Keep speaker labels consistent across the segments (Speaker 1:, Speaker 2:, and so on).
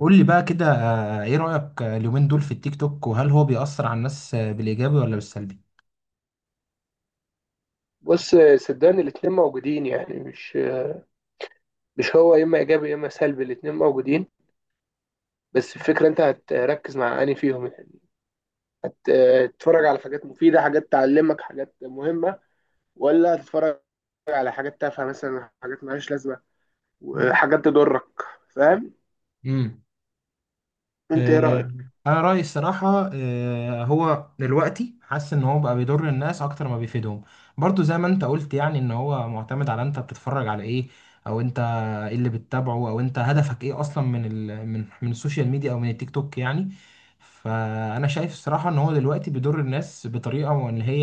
Speaker 1: قول لي بقى كده ايه رأيك اليومين دول في التيك توك، وهل هو بيأثر على الناس بالإيجابي ولا بالسلبي؟
Speaker 2: بص، صدقني الاتنين موجودين. يعني مش هو يا اما ايجابي يا اما سلبي، الاتنين موجودين. بس الفكره انت هتركز مع انهي فيهم يعني. هتتفرج على حاجات مفيده، حاجات تعلمك، حاجات مهمه، ولا هتتفرج على حاجات تافهه مثلا، حاجات مالهاش لازمه وحاجات تضرك؟ فاهم؟
Speaker 1: مم.
Speaker 2: انت ايه
Speaker 1: آه،
Speaker 2: رايك؟
Speaker 1: انا رايي الصراحه هو دلوقتي حاسس ان هو بقى بيضر الناس اكتر ما بيفيدهم. برضو زي ما انت قلت يعني ان هو معتمد على انت بتتفرج على ايه، او انت ايه اللي بتتابعه، او انت هدفك ايه اصلا من ال من من السوشيال ميديا او من التيك توك يعني. فانا شايف الصراحه ان هو دلوقتي بيضر الناس بطريقه، وان هي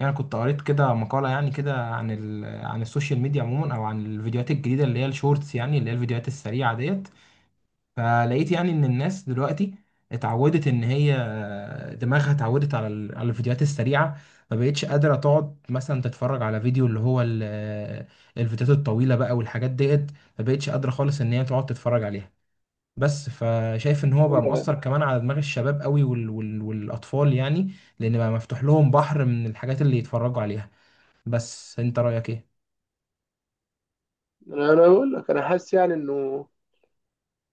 Speaker 1: يعني كنت قريت كده مقاله يعني كده عن عن السوشيال ميديا عموما، او عن الفيديوهات الجديده اللي هي الشورتس، يعني اللي هي الفيديوهات السريعه ديت. فلقيت يعني ان الناس دلوقتي اتعودت ان هي دماغها اتعودت على الفيديوهات السريعه. ما بقتش قادره تقعد مثلا تتفرج على فيديو اللي هو الفيديوهات الطويله بقى والحاجات ديت، ما بقتش قادره خالص ان هي تقعد تتفرج عليها بس. فشايف ان هو بقى مؤثر كمان على دماغ الشباب قوي والاطفال يعني، لان بقى مفتوح لهم بحر من الحاجات اللي يتفرجوا عليها. بس انت رايك ايه؟
Speaker 2: أنا بقول لك انا حاسس يعني انه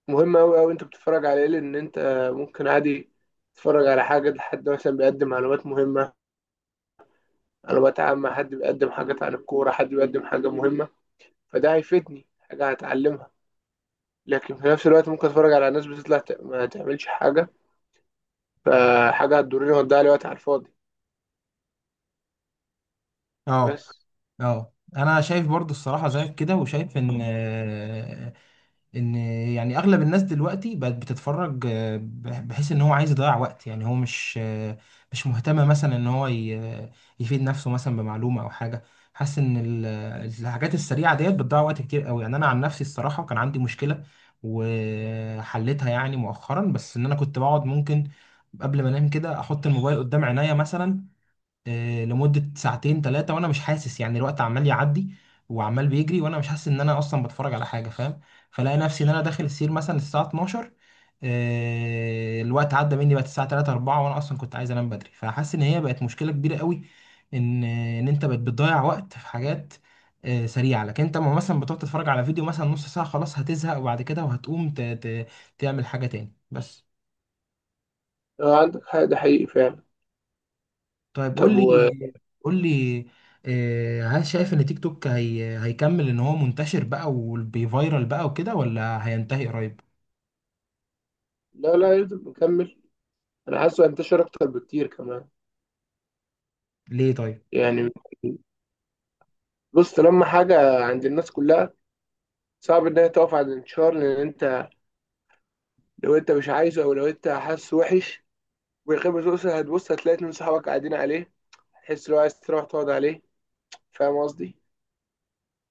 Speaker 2: مهم قوي قوي انت بتتفرج على ايه، لان انت ممكن عادي تتفرج على حاجه، لحد مثلا بيقدم معلومات مهمه، انا بتعامل مع حد بيقدم حاجات عن الكوره، حد بيقدم حاجه مهمه، فده هيفيدني، حاجه هتعلمها. لكن في نفس الوقت ممكن اتفرج على ناس بتطلع ما تعملش حاجه، فحاجه هتضرني وهتضيع لي وقت على الفاضي.
Speaker 1: اه.
Speaker 2: بس.
Speaker 1: اه انا شايف برضو الصراحه زيك كده، وشايف ان ان يعني اغلب الناس دلوقتي بقت بتتفرج بحيث ان هو عايز يضيع وقت، يعني هو مش مش مهتم مثلا ان هو يفيد نفسه مثلا بمعلومه او حاجه. حاسس ان الحاجات السريعه ديت بتضيع وقت كتير قوي. يعني انا عن نفسي الصراحه كان عندي مشكله وحلتها يعني مؤخرا، بس ان انا كنت بقعد ممكن قبل ما انام كده احط الموبايل قدام عينيا مثلا لمدة ساعتين ثلاثة وانا مش حاسس يعني، الوقت عمال يعدي وعمال بيجري وانا مش حاسس ان انا اصلا بتفرج على حاجة، فاهم. فلاقي نفسي ان انا داخل السير مثلا الساعة 12 الوقت عدى مني بقت الساعة 3 4، وانا اصلا كنت عايز انام بدري، فحاسس ان هي بقت مشكلة كبيرة قوي. ان انت بقت بتضيع وقت في حاجات سريعة، لكن انت لما مثلا بتقعد تتفرج على فيديو مثلا نص ساعة خلاص هتزهق، وبعد كده وهتقوم تعمل حاجة تاني بس.
Speaker 2: لو عندك حق، ده حقيقي فعلا.
Speaker 1: طيب قول
Speaker 2: طب
Speaker 1: لي، قول لي هل شايف ان تيك توك هي هيكمل ان هو منتشر بقى وبيفيرال بقى وكده، ولا هينتهي قريب؟
Speaker 2: لا لا، يفضل مكمل. انا حاسه انتشر اكتر بكتير كمان.
Speaker 1: ليه طيب؟
Speaker 2: يعني بص، لما حاجه عند الناس كلها، صعب ان هي تقف عند الانتشار. لان انت لو انت مش عايزه، او لو انت حاسه وحش ويخيب ذوقك، هتبص هتلاقي اتنين صحابك قاعدين عليه، هتحس ان هو عايز تروح تقعد عليه. فاهم قصدي؟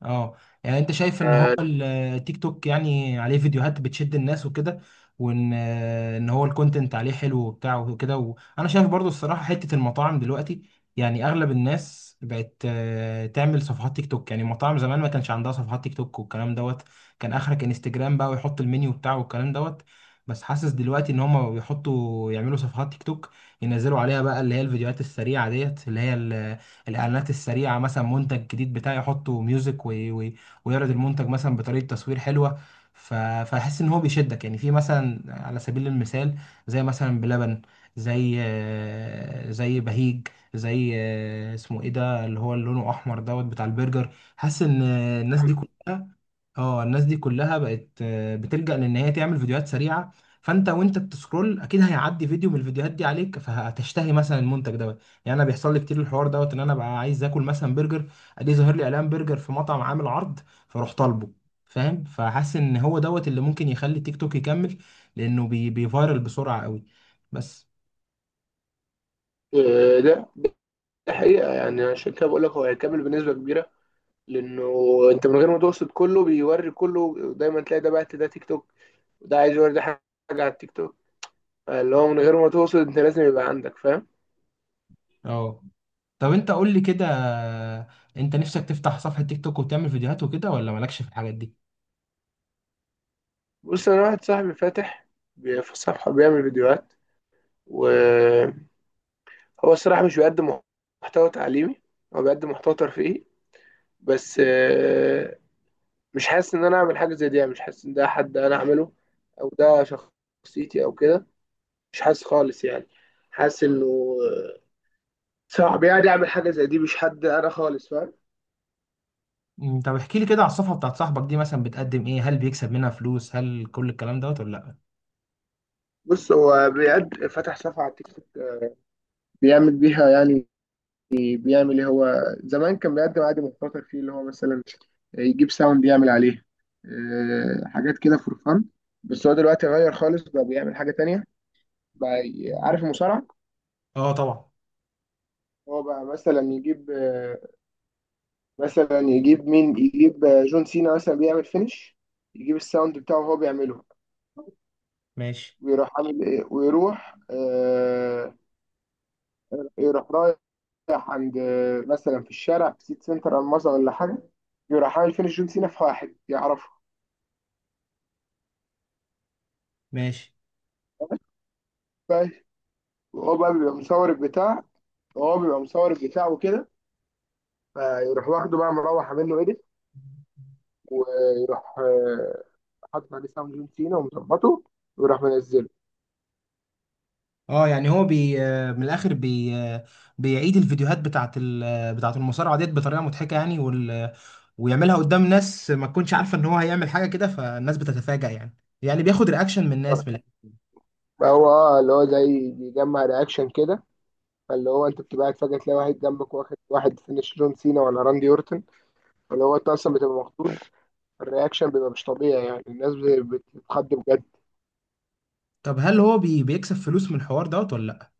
Speaker 1: اه، يعني انت شايف ان هو
Speaker 2: آه،
Speaker 1: التيك توك يعني عليه فيديوهات بتشد الناس وكده، وان ان هو الكونتنت عليه حلو وبتاع وكده. وانا شايف برضو الصراحة حتة المطاعم دلوقتي، يعني اغلب الناس بقت تعمل صفحات تيك توك. يعني المطاعم زمان ما كانش عندها صفحات تيك توك والكلام دوت، كان اخرك انستجرام بقى، ويحط المنيو بتاعه والكلام دوت. بس حاسس دلوقتي ان هم بيحطوا يعملوا صفحات تيك توك، ينزلوا عليها بقى اللي هي الفيديوهات السريعة ديت، اللي هي الاعلانات السريعه، مثلا منتج جديد بتاعي يحطه ميوزك ويعرض المنتج مثلا بطريقه تصوير حلوه. فاحس ان هو بيشدك يعني، في مثلا على سبيل المثال زي مثلا بلبن، زي زي بهيج، زي اسمه ايه ده اللي هو اللي لونه احمر دوت بتاع البرجر. حاسس ان الناس دي كلها، اه الناس دي كلها بقت بتلجأ لان هي تعمل فيديوهات سريعه. فانت وانت بتسكرول اكيد هيعدي فيديو من الفيديوهات دي عليك، فهتشتهي مثلا المنتج دوت. يعني انا بيحصل لي كتير الحوار دوت، ان انا بقى عايز اكل مثلا برجر، ادي ظاهر لي اعلان برجر في مطعم عامل عرض، فاروح طالبه، فاهم. فحاسس ان هو دوت اللي ممكن يخلي تيك توك يكمل، لانه بيفايرل بسرعه قوي بس.
Speaker 2: آه، ده ده حقيقة، يعني عشان كده بقول لك هو هيكمل بنسبة كبيرة. لأنه أنت من غير ما تقصد كله بيوري، كله دايما تلاقي ده بعت ده تيك توك، وده عايز يوري ده حاجة على التيك توك. اللي هو من غير ما تقصد أنت لازم يبقى عندك. فاهم؟
Speaker 1: اه. طب انت قول لي كده، انت نفسك تفتح صفحه تيك توك وتعمل فيديوهات وكده، ولا مالكش في الحاجات دي؟
Speaker 2: بص، أنا واحد صاحبي فاتح في صفحة بيعمل فيديوهات، وهو الصراحة مش بيقدم محتوى تعليمي، هو بيقدم محتوى ترفيهي. بس مش حاسس ان انا اعمل حاجه زي دي، يعني مش حاسس ان ده حد انا اعمله، او ده شخصيتي او كده. مش حاسس خالص يعني. حاسس انه صعب يعني اعمل حاجه زي دي، مش حد انا خالص. فاهم؟
Speaker 1: مم، طب احكي لي كده على الصفحة بتاعت صاحبك دي، مثلا بتقدم ايه، هل بيكسب منها فلوس، هل كل الكلام دوت ولا لا؟
Speaker 2: بص هو بيقد فتح صفحه على تيك توك، بيعمل بيها يعني، بيعمل ايه هو. زمان كان بيقدم عادي مخاطر فيه، اللي هو مثلا يجيب ساوند يعمل عليه، حاجات كده فور فن. بس هو دلوقتي غير خالص، بقى بيعمل حاجه تانية بقى. عارف المصارعه؟
Speaker 1: اه طبعا.
Speaker 2: هو بقى مثلا يجيب مثلا يجيب مين، يجيب جون سينا مثلا بيعمل فينش، يجيب الساوند بتاعه وهو بيعمله،
Speaker 1: ماشي.
Speaker 2: ويروح عامل ايه، ويروح يروح رايح عند مثلا في الشارع، في سيت سنتر او مصر ولا حاجه، يروح عامل فينش جون سينا في واحد يعرفه.
Speaker 1: ماشي.
Speaker 2: بس. وهو بقى بيبقى مصور البتاع، وكده فيروح واخده بقى، مروح عامل له ايديت، ويروح حاطط عليه ساوند جون سينا ومظبطه، ويروح منزله.
Speaker 1: اه يعني هو بي آه، من الاخر بي آه، بيعيد الفيديوهات بتاعت ال... آه، بتاعت المصارعة ديت بطريقة مضحكة يعني، وال... آه، ويعملها قدام ناس ما تكونش عارفة ان هو هيعمل حاجة كده، فالناس بتتفاجأ يعني، يعني بياخد رياكشن من الناس من الآخر.
Speaker 2: هو اه، اللي هو زي بيجمع رياكشن كده. فاللي هو انت بتبقى قاعد فجأة تلاقي واحد جنبك واخد واحد فينش جون سينا ولا راندي اورتن. فاللي هو انت اصلا بتبقى مخضوض، الرياكشن بيبقى مش طبيعي، يعني الناس بتتخض بجد.
Speaker 1: طب هل هو بيكسب فلوس من الحوار دوت ولا لا؟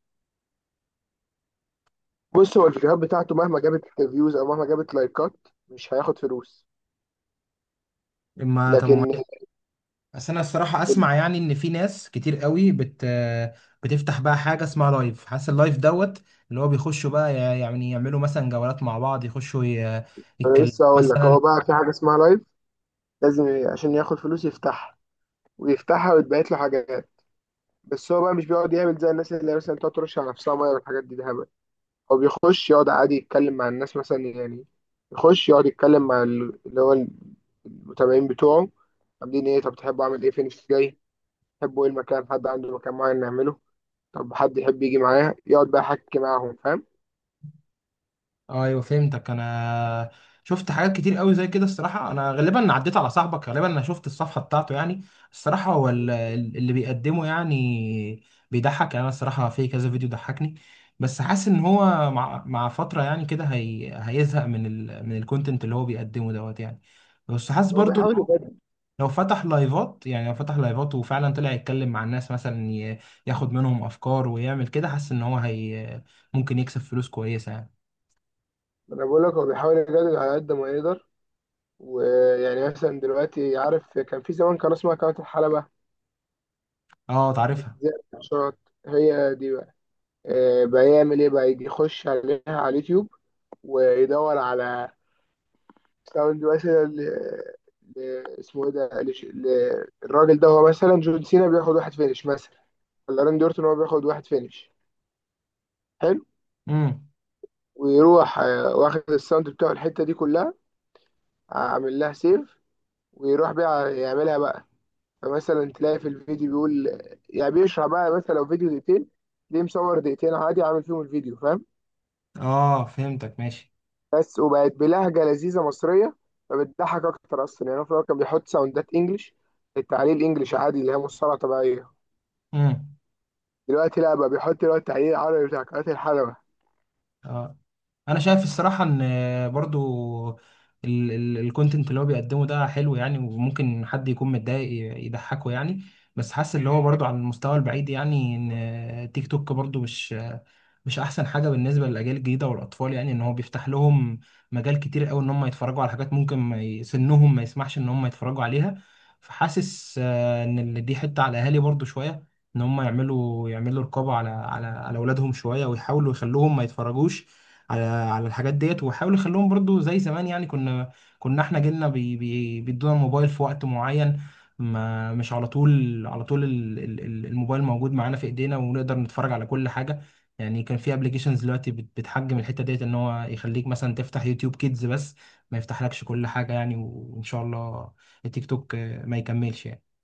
Speaker 2: بص، هو الفيديوهات بتاعته مهما جابت فيوز او مهما جابت لايكات، مش هياخد فلوس.
Speaker 1: ما طب ما
Speaker 2: لكن
Speaker 1: بس انا الصراحه اسمع يعني ان في ناس كتير قوي بتفتح بقى حاجه اسمها لايف، حاسس اللايف دوت اللي هو بيخشوا بقى، يعني يعملوا مثلا جولات مع بعض، يخشوا
Speaker 2: انا
Speaker 1: يتكلموا
Speaker 2: لسه هقول لك،
Speaker 1: مثلا.
Speaker 2: هو بقى في حاجة اسمها لايف، لازم عشان ياخد فلوس يفتحها، ويفتحها ويتبعت له حاجات. بس هو بقى مش بيقعد يعمل زي الناس اللي مثلا تقعد ترش على نفسها ميه والحاجات دي، ده هبل. هو بيخش يقعد عادي يتكلم مع الناس مثلا، يعني يخش يقعد يتكلم مع اللي هو المتابعين بتوعه: عاملين ايه، طب تحبوا اعمل ايه، فين جاي، تحبوا ايه المكان، حد عنده مكان معين نعمله، طب حد يحب يجي معايا، يقعد بقى يحكي معاهم. فاهم؟
Speaker 1: ايوه فهمتك انا. شفت حاجات كتير قوي زي كده الصراحه، انا غالبا عديت على صاحبك، غالبا انا شفت الصفحه بتاعته يعني. الصراحه هو اللي بيقدمه يعني بيضحك، يعني انا الصراحه في كذا فيديو ضحكني. بس حاسس ان هو مع فتره يعني كده هي هيزهق من من الكونتنت اللي هو بيقدمه دوت يعني. بس حاسس
Speaker 2: هو
Speaker 1: برضو ان
Speaker 2: بيحاول
Speaker 1: هو
Speaker 2: يجدد
Speaker 1: لو فتح لايفات، يعني لو فتح لايفات وفعلا طلع يتكلم مع الناس مثلا ياخد منهم افكار ويعمل كده، حاسس ان هو هي ممكن يكسب فلوس كويسه يعني.
Speaker 2: انا بقول لك هو بيحاول يجدد على قد ما يقدر. ويعني مثلا دلوقتي عارف، كان في زمان كان اسمها قناة الحلبة،
Speaker 1: اه تعرفها.
Speaker 2: بتذيع ماتشات، هي دي بقى. بقى يعمل ايه، بقى يجي يخش عليها على اليوتيوب، ويدور على، لو دلوقتي ل... اسمه ايه ده، الراجل ده هو مثلا جون سينا بياخد واحد فينش، مثلا ولا راندي اورتون، هو بياخد واحد فينش، حلو،
Speaker 1: امم.
Speaker 2: ويروح واخد الساوند بتاعه الحته دي كلها، عامل لها سيف، ويروح بقى يعملها بقى. فمثلا تلاقي في الفيديو بيقول، يعني بيشرح بقى، مثلا لو فيديو 2 دقيقتين، ليه مصور 2 دقيقتين عادي، عامل فيهم الفيديو. فاهم؟
Speaker 1: اه فهمتك ماشي.
Speaker 2: بس وبقت بلهجه لذيذه مصريه، فبتضحك اكتر اصلا. يعني هو في الأول كان بيحط ساوندات انجلش، التعليق الانجليش عادي اللي هي مصطلح طبيعيه.
Speaker 1: امم.
Speaker 2: دلوقتي لا، بقى بيحط اللي هو التحليل العربي بتاع قناة الحلبة.
Speaker 1: اه انا شايف الصراحه ان برضو الكونتنت اللي هو بيقدمه ده حلو يعني، وممكن حد يكون متضايق يضحكه يعني. بس حاسس اللي هو برضو على المستوى البعيد، يعني ان تيك توك برضو مش، مش احسن حاجه بالنسبه للاجيال الجديده والاطفال، يعني ان هو بيفتح لهم مجال كتير قوي ان هم يتفرجوا على حاجات ممكن ما سنهم ما يسمحش ان هم يتفرجوا عليها. فحاسس ان دي حته على الاهالي برضو شويه، ان هم يعملوا رقابه على اولادهم شويه، ويحاولوا يخلوهم ما يتفرجوش على الحاجات ديت، ويحاولوا يخلوهم برضو زي زمان. يعني كنا احنا جيلنا بي بي بيدونا الموبايل في وقت معين، ما مش على طول، على طول الموبايل موجود معانا في ايدينا ونقدر نتفرج على كل حاجه. يعني كان في ابلكيشنز دلوقتي بتحجم الحته ديت، ان هو يخليك مثلا تفتح يوتيوب كيدز بس، ما يفتحلكش كل حاجه يعني. وان شاء الله التيك توك ما يكملش يعني.